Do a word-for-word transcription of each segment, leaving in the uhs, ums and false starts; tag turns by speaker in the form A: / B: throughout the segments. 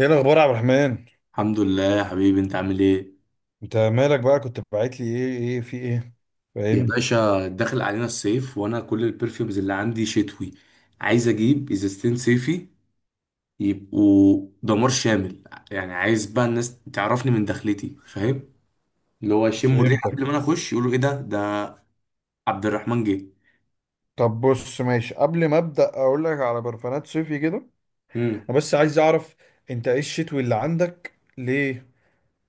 A: ايه الاخبار يا عبد الرحمن؟
B: الحمد لله يا حبيبي، انت عامل ايه؟
A: انت مالك بقى؟ كنت باعت لي، ايه ايه في ايه؟
B: يا
A: فاهمني.
B: باشا، داخل علينا الصيف وانا كل البرفيومز اللي عندي شتوي. عايز اجيب ازازتين صيفي يبقوا دمار شامل. يعني عايز بقى الناس تعرفني من دخلتي، فاهم؟ اللي هو يشموا الريحه قبل ما
A: فهمتك.
B: انا اخش يقولوا ايه ده ده عبد الرحمن جه.
A: طب بص، ماشي، قبل ما ابدا اقول لك على برفانات صيفي كده،
B: امم
A: انا بس عايز اعرف انت ايه الشتوي اللي عندك ليه.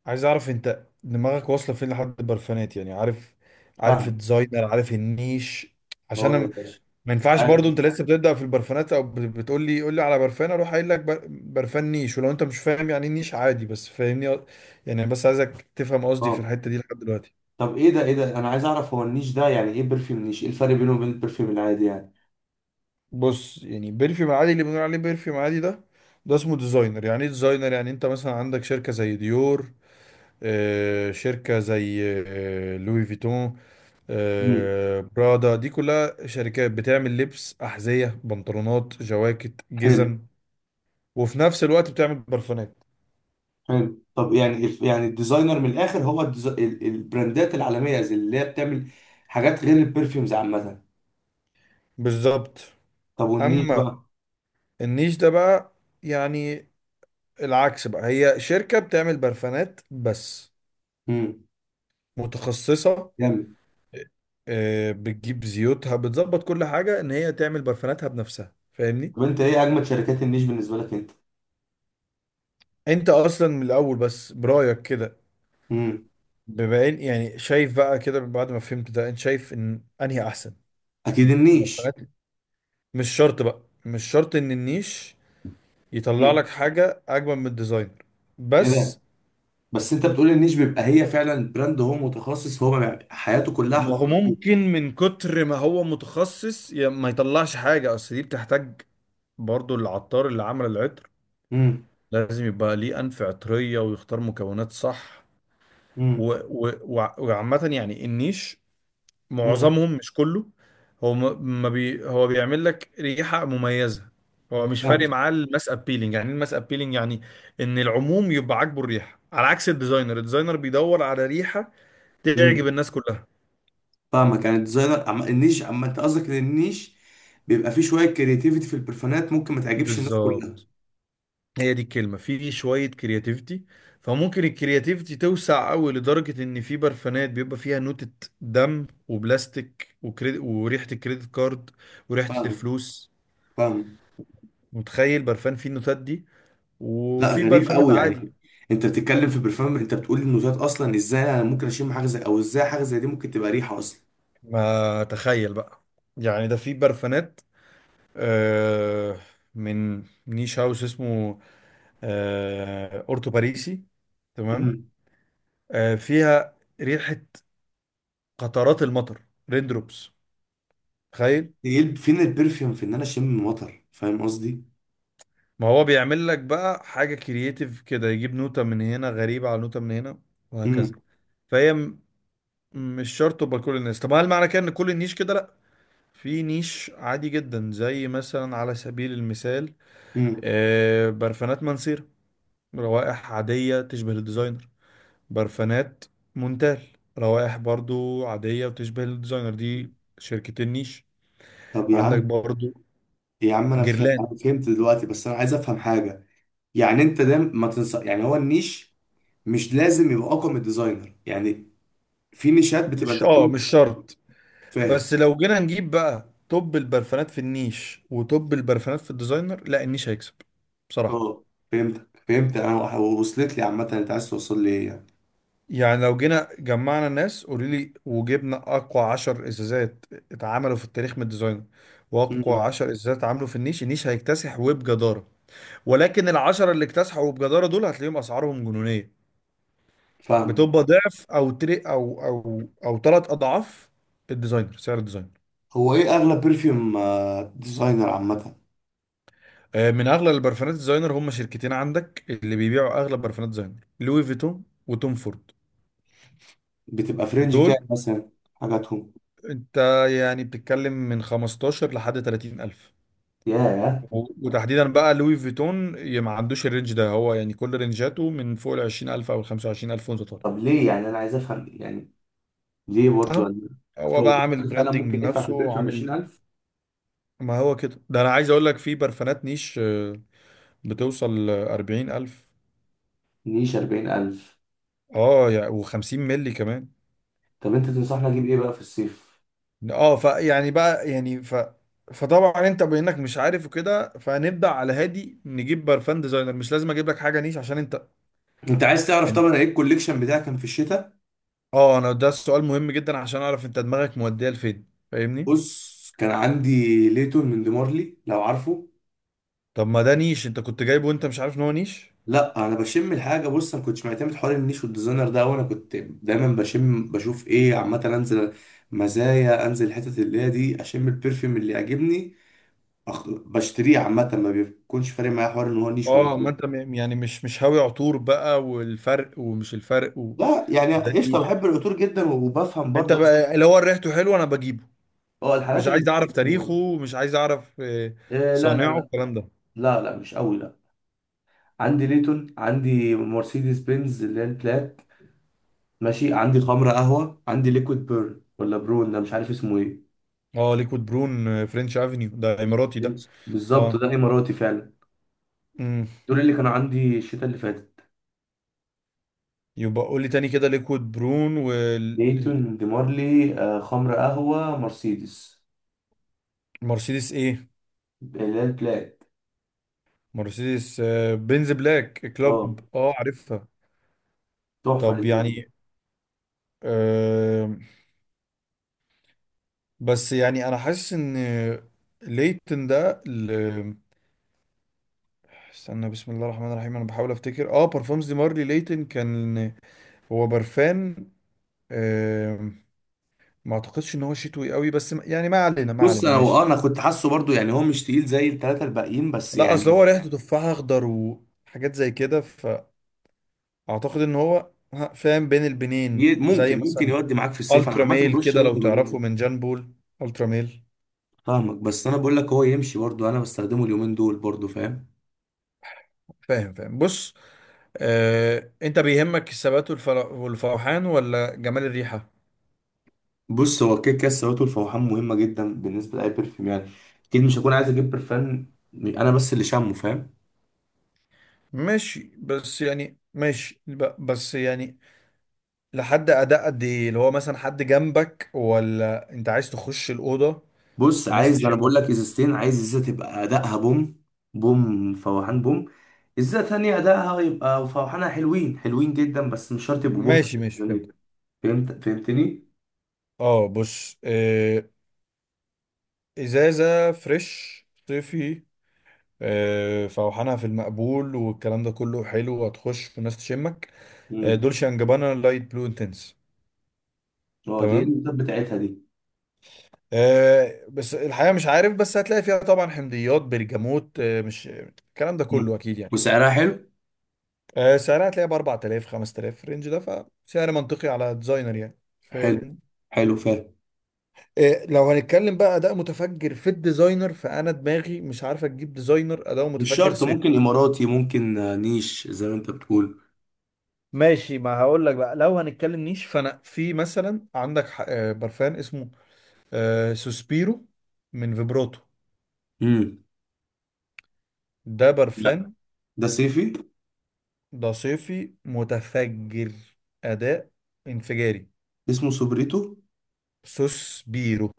A: عايز اعرف انت دماغك واصله فين لحد البرفانات، يعني عارف، عارف
B: فاهم.
A: الديزاينر، عارف النيش؟
B: هو
A: عشان
B: ده يا
A: انا
B: باشا.
A: ما ينفعش
B: عارف.
A: برضو انت لسه بتبدأ في البرفانات او بتقول لي قول لي على برفان، اروح قايل لك بر- برفان نيش ولو انت مش فاهم يعني ايه نيش عادي، بس فاهمني. يعني بس عايزك تفهم قصدي في
B: اه.
A: الحتة دي لحد دلوقتي.
B: طب ايه ده ايه ده انا عايز اعرف، هو النيش ده يعني ايه؟ برفيوم نيش، ايه الفرق بينه وبين البرفيوم العادي يعني؟
A: بص، يعني بيرفيوم عادي اللي بنقول عليه بيرفيوم عادي ده، ده اسمه ديزاينر. يعني ايه ديزاينر؟ يعني انت مثلا عندك شركة زي ديور، آه، شركة زي، آه، لوي فيتون،
B: امم
A: آه، برادا، دي كلها شركات بتعمل لبس، أحذية، بنطلونات، جواكت،
B: حلو.
A: جزم، وفي نفس الوقت بتعمل برفانات.
B: حلو طب يعني الف- يعني الديزاينر من الاخر، هو الديز- ال- البراندات العالميه زي اللي هي بتعمل حاجات غير البرفيومز عامه.
A: بالظبط.
B: طب والنيش
A: اما
B: بقى؟
A: النيش ده بقى، يعني العكس بقى، هي شركة بتعمل برفانات بس،
B: امم
A: متخصصة،
B: جامد.
A: آه، بتجيب زيوتها، بتظبط كل حاجة ان هي تعمل برفاناتها بنفسها، فاهمني.
B: طب انت ايه اجمد شركات النيش بالنسبه لك انت؟
A: انت اصلا من الاول بس برأيك كده،
B: امم
A: بما ان يعني شايف بقى كده بعد ما فهمت ده، انت شايف ان انهي احسن؟
B: اكيد
A: إن
B: النيش.
A: برفانات، مش شرط بقى، مش شرط ان النيش يطلع
B: امم
A: لك حاجة اجمل من الديزاينر.
B: ايه
A: بس
B: ده؟ بس انت بتقول النيش بيبقى هي فعلا براند، هو متخصص، هو بيع- حياته كلها
A: ما هو
B: حدود.
A: ممكن من كتر ما هو متخصص يا- ما يطلعش حاجة. أصل دي بتحتاج برضو العطار اللي عمل العطر
B: امم
A: لازم يبقى ليه أنف عطرية ويختار مكونات صح. و-
B: امم
A: و- وع- وعامة يعني النيش
B: امم
A: معظمهم، مش كله، هو م- ما بي هو بيعمل لك ريحة مميزة. هو مش فارق
B: فاهمك.
A: معاه الماس ابيلينج. يعني ايه الماس ابيلينج؟ يعني ان العموم يبقى عاجبه الريحة، على عكس الديزاينر. الديزاينر بيدور على ريحة تعجب
B: امم
A: الناس كلها.
B: فاهمك. يعني الديزاينر عم... النيش، اما انت قصدك ان النيش بيبقى فيه شويه كرياتيفيتي في البرفانات، ممكن ما تعجبش الناس كلها.
A: بالظبط. هي دي الكلمة، في شوية كرياتيفيتي. فممكن الكرياتيفيتي توسع قوي لدرجة ان في برفانات بيبقى فيها نوتة دم وبلاستيك وكريد... وريحة الكريدت كارد وريحة
B: فاهمك.
A: الفلوس.
B: فاهم.
A: متخيل برفان فيه النوتات دي
B: لا،
A: وفي
B: غريب
A: برفانات
B: قوي يعني.
A: عادي؟
B: انت بتتكلم في برفان، انت بتقول انه ذات اصلا، ازاي انا ممكن اشم حاجه زي، او ازاي حاجه زي دي ممكن تبقى ريحه اصلا؟
A: ما تخيل بقى. يعني ده في برفانات، آه، من نيش هاوس اسمه، آه، اورتو باريسي، تمام،
B: امم
A: آه، فيها ريحة قطرات المطر، ريندروبس.
B: ايه؟ فين البرفيوم في ان انا اشم مطر، فاهم قصدي؟
A: ما هو بيعمل لك بقى حاجة كرييتيف كده، يجيب نوتة من هنا غريبة على نوتة من هنا،
B: امم
A: وهكذا. فهي م- مش شرط تبقى كل الناس. طب هل معنى كده ان كل النيش كده؟ لا، في نيش عادي جدا، زي مثلا على سبيل المثال،
B: امم
A: آه، برفانات منصير، روائح عادية تشبه الديزاينر، برفانات مونتال، روائح برضو عادية وتشبه الديزاينر. دي شركتين نيش
B: طب يا
A: عندك،
B: عم،
A: برضو
B: يا عم انا فه-
A: جيرلان.
B: انا فهمت دلوقتي، بس انا عايز افهم حاجه. يعني انت ده ما تنصح، يعني هو النيش مش لازم يبقى اقوى من الديزاينر يعني؟ في نيشات بتبقى
A: مش
B: انت
A: اه
B: بتقول،
A: مش شرط.
B: فاهم.
A: بس لو جينا نجيب بقى توب البرفانات في النيش وتوب البرفانات في الديزاينر، لا، النيش هيكسب، بصراحة.
B: اه، فهمتك. فهمت. انا وصلت لي عامه انت عايز توصل لي ايه يعني.
A: يعني لو جينا جمعنا الناس، قولي لي، وجبنا أقوى عشر إزازات اتعملوا في التاريخ من الديزاينر، وأقوى
B: امم
A: عشر إزازات اتعملوا في النيش، النيش هيكتسح وبجدارة. ولكن العشرة اللي اكتسحوا وبجدارة دول هتلاقيهم أسعارهم جنونية،
B: فاهم.
A: بتبقى ضعف أو تري أو أو أو ثلاث أضعاف الديزاينر، سعر الديزاينر.
B: هو ايه اغلب برفيوم آه، ديزاينر عامه؟
A: آه، من اغلى البرفانات الديزاينر، هم شركتين عندك اللي بيبيعوا اغلى برفانات ديزاينر، لوي فيتون وتوم فورد.
B: بتبقى فرنج
A: دول
B: كام مثلا حاجاتهم؟
A: انت يعني بتتكلم من خمستاشر لحد تلاتين الف.
B: ياه.
A: و- وتحديدا بقى لوي فيتون، ي- ما عندوش الرينج ده، هو يعني كل رينجاته من فوق ال عشرين الف او ال خمسة وعشرين الف وانت طالع.
B: طب ليه يعني؟ انا عايز افهم يعني، ليه برضو
A: اهو،
B: يعني؟
A: هو
B: هو
A: بقى
B: في
A: عامل
B: حد فعلا
A: براندنج
B: ممكن يدفع في
A: لنفسه
B: البرفيوم
A: وعامل.
B: عشرين الف؟
A: ما هو كده، ده انا عايز اقول لك في برفانات نيش، آه، بتوصل اربعين الف.
B: نيش اربعين الف؟
A: اه يعني و خمسين مللي كمان.
B: طب انت تنصحني اجيب ايه بقى في الصيف؟
A: اه فيعني بقى يعني ف فطبعا انت بانك مش عارف وكده، فنبدا على هادي، نجيب برفان ديزاينر، مش لازم اجيب لك حاجه نيش عشان انت
B: انت عايز تعرف
A: يعني.
B: طبعا ايه الكوليكشن بتاعي كان في الشتاء.
A: اه، انا ده السؤال مهم جدا عشان اعرف انت دماغك موديه لفين، فاهمني.
B: بص، كان عندي ليتون من ديمارلي لو عارفه.
A: طب ما ده نيش انت كنت جايبه وانت مش عارف ان هو نيش.
B: لا، انا بشم الحاجه. بص، انا كنتش معتمد حوار النيش والديزاينر ده، وانا كنت دايما بشم بشوف ايه عامه، انزل مزايا، انزل الحتت اللي هي دي، اشم البرفيوم اللي يعجبني، أخ- بشتريه. عامه، ما بيكونش فارق معايا حوار ان هو نيش ولا
A: اه ما انت
B: ديزاينر.
A: م- يعني مش مش هاوي عطور بقى، والفرق، ومش الفرق و...
B: لا يعني
A: ده
B: قشطه،
A: نيش.
B: بحب العطور جدا وبفهم
A: انت
B: برضو
A: بقى
B: أصل-
A: اللي هو ريحته حلوه انا بجيبه،
B: اه، الحالات
A: مش
B: اللي
A: عايز
B: إيه.
A: اعرف تاريخه، مش عايز اعرف، آه،
B: لا، لا،
A: صانعه،
B: لا.
A: الكلام ده.
B: لا، لا، مش قوي، لا. عندي ليتون، عندي مرسيدس بنز اللي هي البلات، ماشي، عندي خمره قهوه، عندي ليكويد بيرن ولا برون، ده مش عارف اسمه ايه.
A: اه ليكويد برون، آه، فرنش افنيو، ده اماراتي ده.
B: بنش- بالظبط
A: اه.
B: ده اماراتي فعلا.
A: امم.
B: دول اللي كانوا عندي الشتاء اللي فاتت:
A: يبقى قول لي تاني كده، ليكويد برون والمرسيدس،
B: ديتون ديمارلي، آه، خمر قهوه، مرسيدس
A: ايه؟
B: اللي هي البلاك.
A: مرسيدس، آه، بنز بلاك
B: اه،
A: كلوب، اه عارفها.
B: تحفه
A: طب
B: لذيذة.
A: يعني، آه، بس يعني انا حاسس ان ليتن ده ال- استنى، بسم الله الرحمن الرحيم، انا بحاول افتكر. اه، بارفومز دي مارلي ليتن كان هو برفان، آه، ما اعتقدش ان هو شتوي قوي، بس م- يعني ما علينا، ما
B: بص،
A: علينا،
B: هو
A: ماشي.
B: انا كنت حاسه برضو يعني هو مش تقيل زي الثلاثه الباقيين، بس
A: لا، اصل هو
B: يعني
A: ريحته تفاح اخضر وحاجات زي كده. اعتقد ان هو ها- فاهم بين البنين،
B: ي-
A: زي
B: ممكن، ممكن
A: مثلا
B: يودي معاك في الصيف. انا
A: الترا
B: عامه
A: ميل
B: برش
A: كده
B: منه
A: لو
B: اليومين
A: تعرفه،
B: دول.
A: من جان بول، الترا ميل.
B: فاهمك. بس انا بقول لك هو يمشي برضو، انا بستخدمه اليومين دول برضو، فاهم؟
A: فاهم فاهم. بص، آه، انت بيهمك الثبات والفر- والفوحان ولا جمال الريحة؟
B: بص، هو كده كده السوائل والفوحان مهمه جدا بالنسبه لاي برفيوم يعني. اكيد مش هكون عايز اجيب برفان انا بس اللي شامه، فاهم؟
A: ماشي، بس يعني، ماشي، ب- بس يعني لحد اداء قد ايه؟ اللي هو مثلا حد جنبك ولا انت عايز تخش الأوضة
B: بص،
A: الناس
B: عايز انا بقول
A: تشمك؟
B: لك ازازتين. عايز ازازه تبقى ادائها بوم، بوم فواحان بوم. ازازه ثانيه ادائها يبقى فواحانها حلوين حلوين جدا بس مش شرط يبقوا بوم.
A: ماشي ماشي فهمت.
B: فهمت، فهمتني.
A: اه بص، آه، ازازة فريش صيفي، آه، فوحانها في المقبول والكلام ده كله حلو، وهتخش والناس تشمك، آه،
B: امم
A: دولشе اند جابانا لايت بلو انتنس،
B: هو دي ايه
A: تمام،
B: الازازات بتاعتها دي؟
A: آه، بس الحقيقه مش عارف، بس هتلاقي فيها طبعا حمضيات، برجموت، آه، مش الكلام ده كله
B: مم.
A: اكيد يعني.
B: وسعرها حلو؟
A: آه، سعرها هتلاقيها ب اربعتلاف خمستلاف، الرينج ده، فسعر منطقي على ديزاينر يعني،
B: حلو،
A: فاهم.
B: حلو فاهم.
A: آه، لو هنتكلم بقى اداء متفجر في الديزاينر، فانا دماغي مش عارفه تجيب ديزاينر اداؤه
B: مش
A: متفجر
B: شرط،
A: صيف.
B: ممكن اماراتي، ممكن آه، نيش زي ما انت بتقول.
A: ماشي، ما هقول لك بقى، لو هنتكلم نيش، فانا في مثلا عندك ح- آه، برفان اسمه، آه، سوسبيرو، من فيبروتو.
B: امم
A: ده
B: لا،
A: برفان
B: ده صيفي.
A: ده صيفي متفجر، اداء انفجاري.
B: اسمه سوبريتو.
A: سوسبيرو.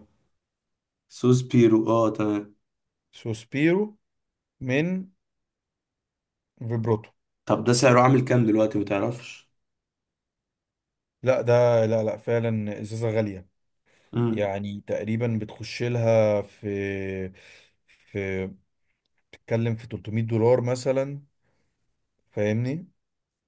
B: سوس بيرو، اه، تمام.
A: سوسبيرو من فيبروتو.
B: طب ده سعره عامل كام دلوقتي، ما تعرفش؟
A: لا ده، لا لا فعلا ازازه غاليه.
B: امم
A: يعني تقريبا بتخش لها في، في، بتتكلم في ثلاثمائة دولار مثلا، فاهمني.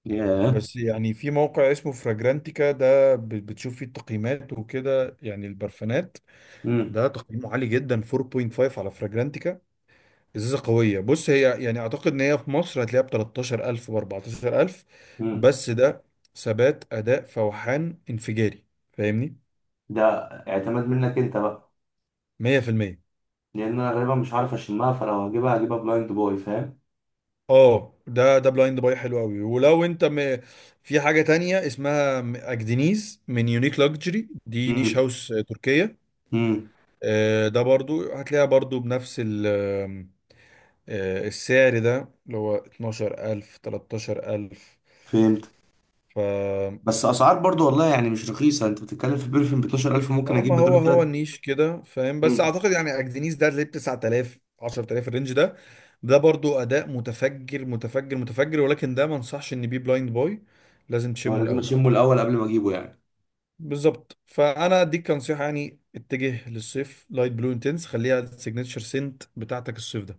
B: ياه.
A: بس يعني في موقع اسمه فراجرانتيكا ده، ب- بتشوف فيه التقييمات وكده، يعني البرفانات
B: مم.
A: ده تقييمه عالي جدا، اربعة و نص على فراجرانتيكا، ازازه قويه. بص هي يعني اعتقد ان هي في مصر هتلاقيها ب تلتاشر الف، ب اربعتاشر الف،
B: مم.
A: بس ده ثبات، اداء، فوحان انفجاري، فاهمني،
B: ده اعتماد منك انت بقى،
A: ميه في الميه.
B: لان انا غالبا مش عارف اشمها، فلو هجيبها هجيبها بلايند بوي، فاهم؟
A: اه ده، ده بلايند باي حلو قوي ولو انت م... في حاجه تانية اسمها م- اجدنيز من يونيك لاكجري، دي نيش
B: امم
A: هاوس تركيه،
B: امم
A: آه، ده برضو هتلاقيها برضو بنفس ال- آه، السعر ده اللي هو اتناشر الف تلتاشر الف.
B: فهمت.
A: ف
B: بس اسعار برضو والله يعني مش رخيصه، انت بتتكلم في بيرفيوم ب اتناشر الف، ممكن اجيب
A: اما
B: بدله
A: هو،
B: تلات.
A: هو النيش كده فاهم. بس
B: امم
A: اعتقد يعني اجدنيس ده اللي ب تسعة الاف عشرتلاف، الرينج ده، ده برضو اداء متفجر متفجر متفجر، ولكن ده ما انصحش ان بيه بلايند بوي، لازم
B: هو
A: تشمه
B: لازم
A: الاول.
B: اشمه الاول قبل ما اجيبه يعني؟
A: بالظبط، فانا اديك كنصيحه يعني، اتجه للصيف، لايت بلو انتنس، خليها السيجنتشر سنت بتاعتك الصيف ده،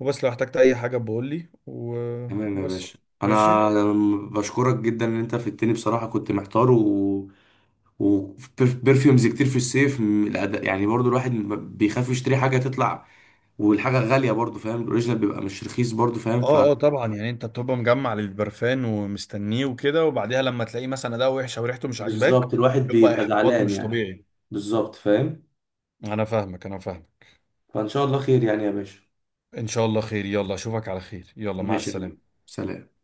A: وبس، لو احتجت اي حاجه بقول لي و...
B: تمام يا
A: وبس،
B: باشا.
A: ماشي.
B: انا بشكرك جدا ان انت فدتني بصراحه، كنت محتار. و وبرفيومز كتير في الصيف، م- الأد- يعني برضو الواحد م- بيخاف يشتري حاجه تطلع والحاجه غاليه برضو، فاهم. الاوريجينال بيبقى مش رخيص برضو، فاهم.
A: اه اه طبعا يعني انت بتبقى مجمع للبرفان ومستنيه وكده، وبعديها لما تلاقيه مثلا اداء وحش او ريحته مش عاجباك،
B: بالظبط، الواحد
A: يبقى
B: بيبقى
A: احباط
B: زعلان
A: مش
B: يعني.
A: طبيعي.
B: بالظبط، فاهم.
A: انا فاهمك، انا فاهمك.
B: فإن شاء الله خير يعني يا باشا.
A: ان شاء الله خير، يلا اشوفك على خير، يلا مع
B: ماشي يا حبيبي.
A: السلامة.
B: سلام.